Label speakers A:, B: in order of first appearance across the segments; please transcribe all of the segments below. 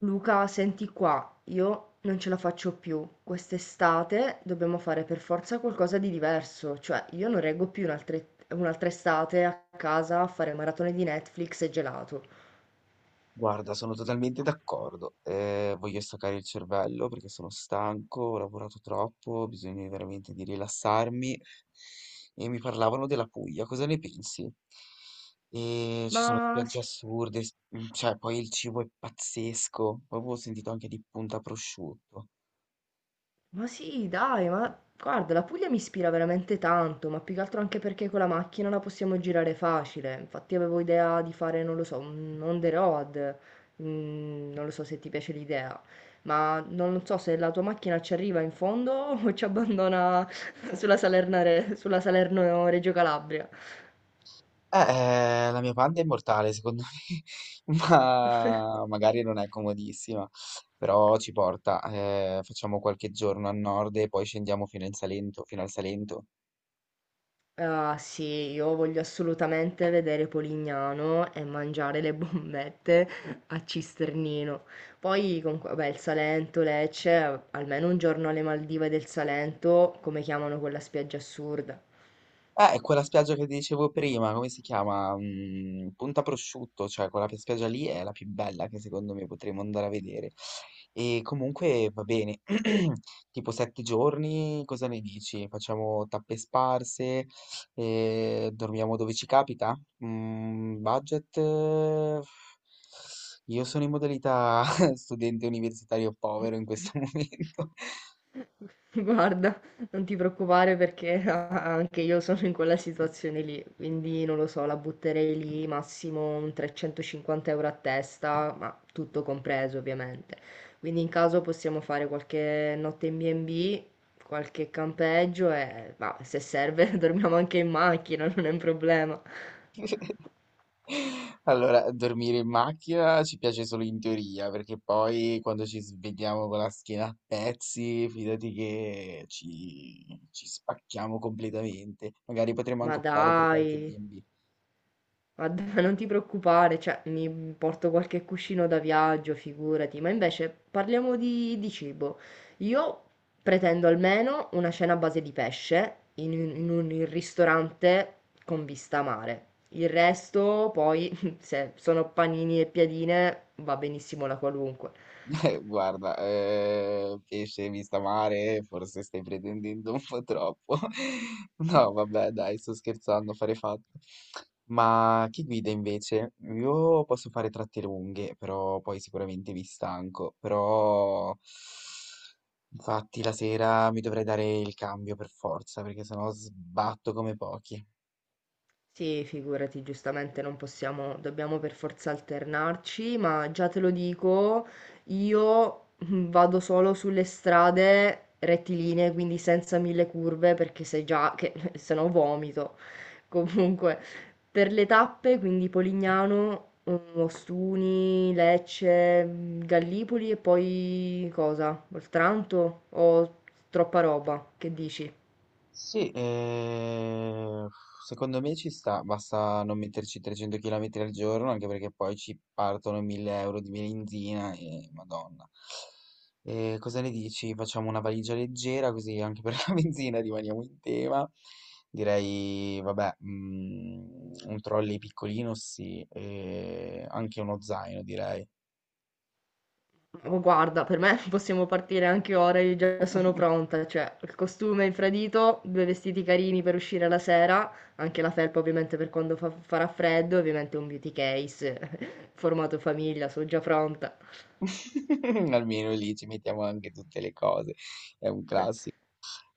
A: Luca, senti qua, io non ce la faccio più. Quest'estate dobbiamo fare per forza qualcosa di diverso, cioè io non reggo più un'altra estate a casa a fare maratone di Netflix e gelato.
B: Guarda, sono totalmente d'accordo. Voglio staccare il cervello perché sono stanco, ho lavorato troppo, ho bisogno veramente di rilassarmi. E mi parlavano della Puglia, cosa ne pensi? E ci sono
A: Ma
B: spiagge
A: sì,
B: assurde, cioè poi il cibo è pazzesco. Poi avevo sentito anche di Punta Prosciutto.
A: Ma sì, dai, ma guarda, la Puglia mi ispira veramente tanto, ma più che altro anche perché con la macchina la possiamo girare facile. Infatti avevo idea di fare, non lo so, un on the road. Non lo so se ti piace l'idea, ma non so se la tua macchina ci arriva in fondo o ci abbandona sulla Salerno-Reggio Calabria.
B: Eh, la mia panda è immortale, secondo me, ma magari non è comodissima, però ci porta. Facciamo qualche giorno a nord e poi scendiamo fino in Salento, fino al Salento.
A: Ah sì, io voglio assolutamente vedere Polignano e mangiare le bombette a Cisternino. Poi, comunque, vabbè, il Salento, Lecce, almeno un giorno alle Maldive del Salento, come chiamano quella spiaggia assurda.
B: È quella spiaggia che ti dicevo prima, come si chiama? Punta Prosciutto, cioè quella spiaggia lì è la più bella che secondo me potremmo andare a vedere. E comunque va bene, tipo 7 giorni, cosa ne dici? Facciamo tappe sparse, dormiamo dove ci capita? Budget? Io sono in modalità studente universitario povero in questo momento.
A: Guarda, non ti preoccupare perché anche io sono in quella situazione lì, quindi non lo so, la butterei lì massimo un 350 euro a testa, ma tutto compreso ovviamente. Quindi in caso possiamo fare qualche notte in B&B, qualche campeggio e bah, se serve dormiamo anche in macchina, non è un problema.
B: Allora, dormire in macchina ci piace solo in teoria, perché poi quando ci svegliamo con la schiena a pezzi, fidati che ci spacchiamo completamente. Magari potremmo
A: Ma
B: anche optare per
A: dai,
B: qualche B&B.
A: guarda, non ti preoccupare, cioè, mi porto qualche cuscino da viaggio, figurati, ma invece parliamo di cibo. Io pretendo almeno una cena a base di pesce in un ristorante con vista a mare. Il resto, poi, se sono panini e piadine, va benissimo la qualunque.
B: Guarda, pesce vista mare, forse stai pretendendo un po' troppo. No, vabbè, dai, sto scherzando, fare fatto. Ma chi guida invece? Io posso fare tratte lunghe, però poi sicuramente mi stanco. Però, infatti, la sera mi dovrei dare il cambio per forza, perché sennò sbatto come pochi.
A: Sì, figurati, giustamente non possiamo, dobbiamo per forza alternarci, ma già te lo dico, io vado solo sulle strade rettilinee, quindi senza mille curve, perché se già che se no vomito. Comunque, per le tappe, quindi Polignano, Ostuni, Lecce, Gallipoli e poi cosa? Oltranto o troppa roba? Che dici?
B: Sì, secondo me ci sta, basta non metterci 300 km al giorno, anche perché poi ci partono 1000 euro di benzina e madonna. Cosa ne dici? Facciamo una valigia leggera, così anche per la benzina rimaniamo in tema. Direi, vabbè, un trolley piccolino, sì, e anche uno zaino, direi.
A: Oh, guarda, per me possiamo partire anche ora, io già sono pronta, cioè il costume infradito, due vestiti carini per uscire la sera, anche la felpa ovviamente per quando farà freddo, ovviamente un beauty case formato famiglia, sono già pronta.
B: Almeno lì ci mettiamo anche tutte le cose, è un classico.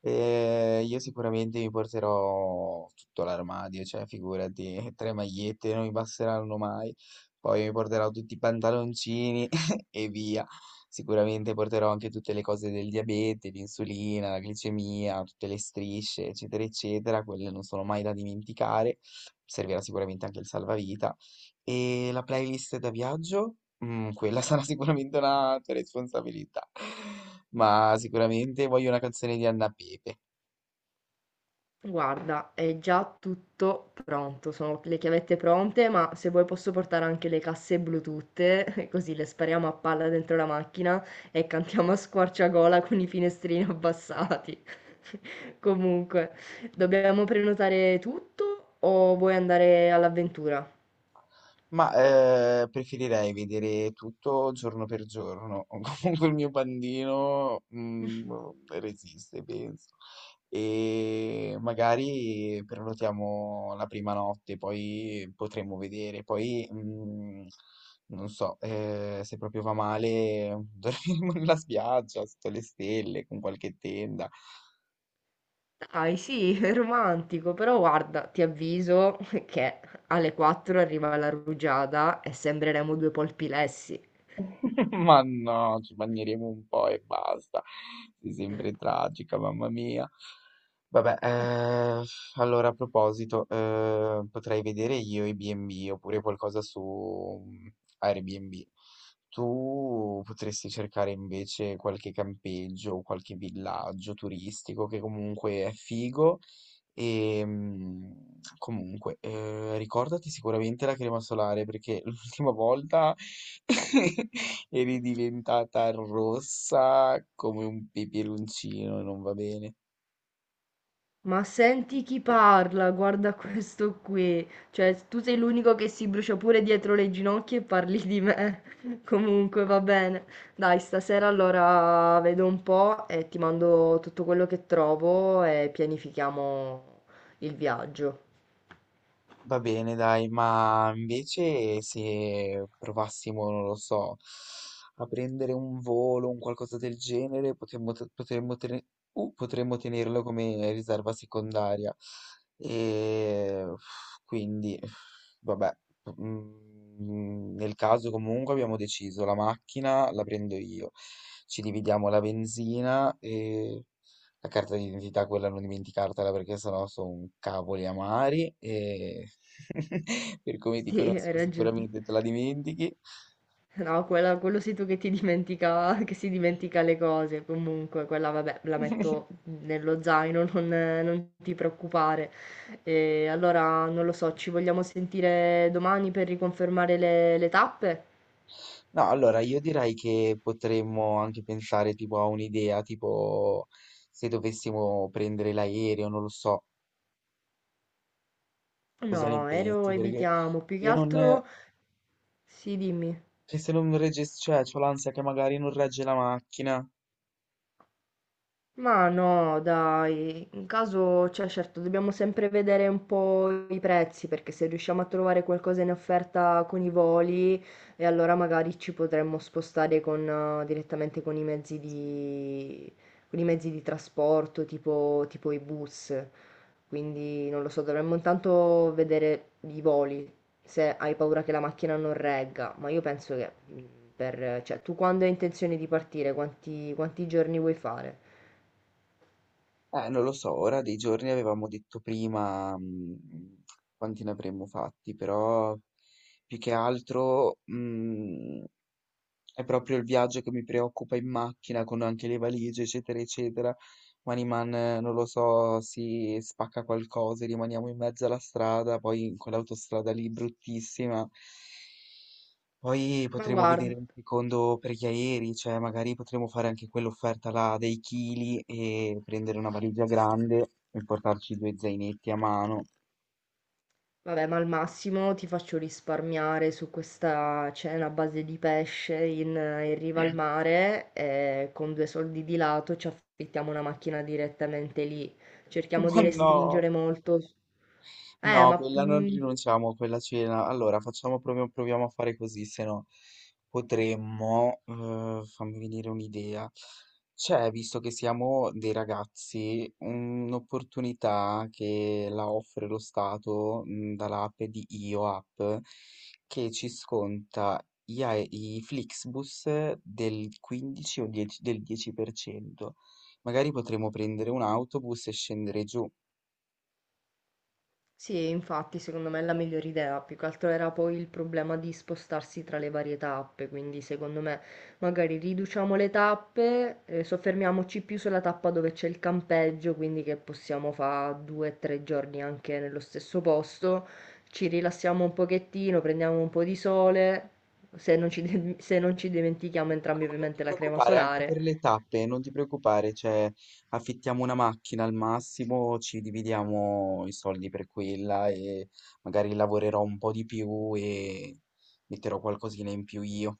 B: Io sicuramente mi porterò tutto l'armadio, cioè figurati, tre magliette non mi basteranno mai. Poi mi porterò tutti i pantaloncini e via. Sicuramente porterò anche tutte le cose del diabete, l'insulina, la glicemia, tutte le strisce, eccetera, eccetera. Quelle non sono mai da dimenticare. Servirà sicuramente anche il salvavita. E la playlist da viaggio? Quella sarà sicuramente una tua responsabilità, ma sicuramente voglio una canzone di Anna Pepe.
A: Guarda, è già tutto pronto, sono le chiavette pronte, ma se vuoi posso portare anche le casse Bluetooth, così le spariamo a palla dentro la macchina e cantiamo a squarciagola con i finestrini abbassati. Comunque, dobbiamo prenotare tutto o vuoi andare all'avventura?
B: Ma preferirei vedere tutto giorno per giorno. Comunque il mio pandino resiste, penso. E magari prenotiamo la prima notte, poi potremo vedere. Poi non so, se proprio va male, dormiremo nella spiaggia, sotto le stelle, con qualche tenda.
A: Dai, sì, è romantico, però guarda, ti avviso che alle 4 arriva la rugiada e sembreremo due polpilessi.
B: Ma no, ci bagneremo un po' e basta. Sei sempre tragica, mamma mia. Vabbè, allora a proposito, potrei vedere io i B&B oppure qualcosa su Airbnb. Tu potresti cercare invece qualche campeggio o qualche villaggio turistico che comunque è figo e comunque, ricordati sicuramente la crema solare perché l'ultima volta eri diventata rossa come un peperoncino e non va bene.
A: Ma senti chi parla, guarda questo qui. Cioè, tu sei l'unico che si brucia pure dietro le ginocchia e parli di me. Comunque, va bene. Dai, stasera allora vedo un po' e ti mando tutto quello che trovo e pianifichiamo il viaggio.
B: Va bene, dai, ma invece se provassimo, non lo so, a prendere un volo, un qualcosa del genere, potremmo tenerlo come riserva secondaria. E uff, quindi, vabbè, nel caso comunque abbiamo deciso, la macchina la prendo io, ci dividiamo la benzina, la carta d'identità, quella non dimenticartela perché sennò sono cavoli amari e per come ti
A: Sì, hai
B: conosco
A: ragione.
B: sicuramente te la dimentichi.
A: No, quello sei tu che ti dimentica, che si dimentica le cose. Comunque, quella vabbè, la metto nello zaino, non ti preoccupare. E allora, non lo so, ci vogliamo sentire domani per riconfermare le tappe?
B: No, allora io direi che potremmo anche pensare tipo a un'idea, tipo se dovessimo prendere l'aereo, non lo so, cosa ne
A: No, aereo
B: pensi? Perché
A: evitiamo. Più che
B: se non,
A: altro, sì, dimmi.
B: che se non regge, cioè, c'ho l'ansia che magari non regge la macchina.
A: Ma no, dai, in caso, cioè certo, dobbiamo sempre vedere un po' i prezzi, perché se riusciamo a trovare qualcosa in offerta con i voli, e allora magari ci potremmo spostare con, direttamente con i mezzi di, con i mezzi di trasporto, tipo i bus. Quindi non lo so, dovremmo intanto vedere i voli, se hai paura che la macchina non regga, ma io penso che, per, cioè, tu quando hai intenzione di partire, quanti giorni vuoi fare?
B: Non lo so, ora dei giorni avevamo detto prima, quanti ne avremmo fatti, però più che altro, è proprio il viaggio che mi preoccupa in macchina con anche le valigie, eccetera, eccetera. Maniman, non lo so, si spacca qualcosa, e rimaniamo in mezzo alla strada, poi in quell'autostrada lì bruttissima. Poi
A: Ma
B: potremo vedere
A: guarda,
B: un secondo per gli aerei, cioè magari potremo fare anche quell'offerta là dei chili e prendere una valigia grande e portarci due zainetti a mano.
A: vabbè, ma al massimo ti faccio risparmiare su questa cena a base di pesce in riva al mare e con due soldi di lato ci affittiamo una macchina direttamente lì. Cerchiamo
B: Ma
A: di
B: no!
A: restringere molto. Eh,
B: No,
A: ma
B: quella, non
A: mm,
B: rinunciamo a quella cena. Allora, facciamo, proviamo a fare così, se no potremmo, fammi venire un'idea. C'è, visto che siamo dei ragazzi, un'opportunità che la offre lo Stato, dall'app di Io App, che ci sconta i Flixbus del 15 o 10 del 10%. Magari potremmo prendere un autobus e scendere giù.
A: Sì, infatti, secondo me è la migliore idea. Più che altro era poi il problema di spostarsi tra le varie tappe, quindi secondo me magari riduciamo le tappe, soffermiamoci più sulla tappa dove c'è il campeggio, quindi che possiamo fare 2 o 3 giorni anche nello stesso posto, ci rilassiamo un pochettino, prendiamo un po' di sole, se non ci, se non ci dimentichiamo entrambi
B: No, ma non ti
A: ovviamente la crema
B: preoccupare, anche per
A: solare.
B: le tappe, non ti preoccupare, cioè affittiamo una macchina al massimo, ci dividiamo i soldi per quella e magari lavorerò un po' di più e metterò qualcosina in più io.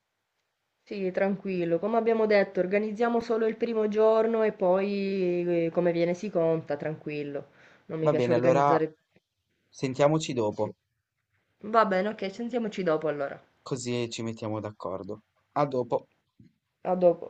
A: Sì, tranquillo. Come abbiamo detto, organizziamo solo il primo giorno e poi come viene si conta, tranquillo. Non mi
B: Va
A: piace
B: bene, allora
A: organizzare.
B: sentiamoci
A: Sì.
B: dopo,
A: Va bene, ok, sentiamoci dopo allora.
B: così ci mettiamo d'accordo. A dopo.
A: A dopo.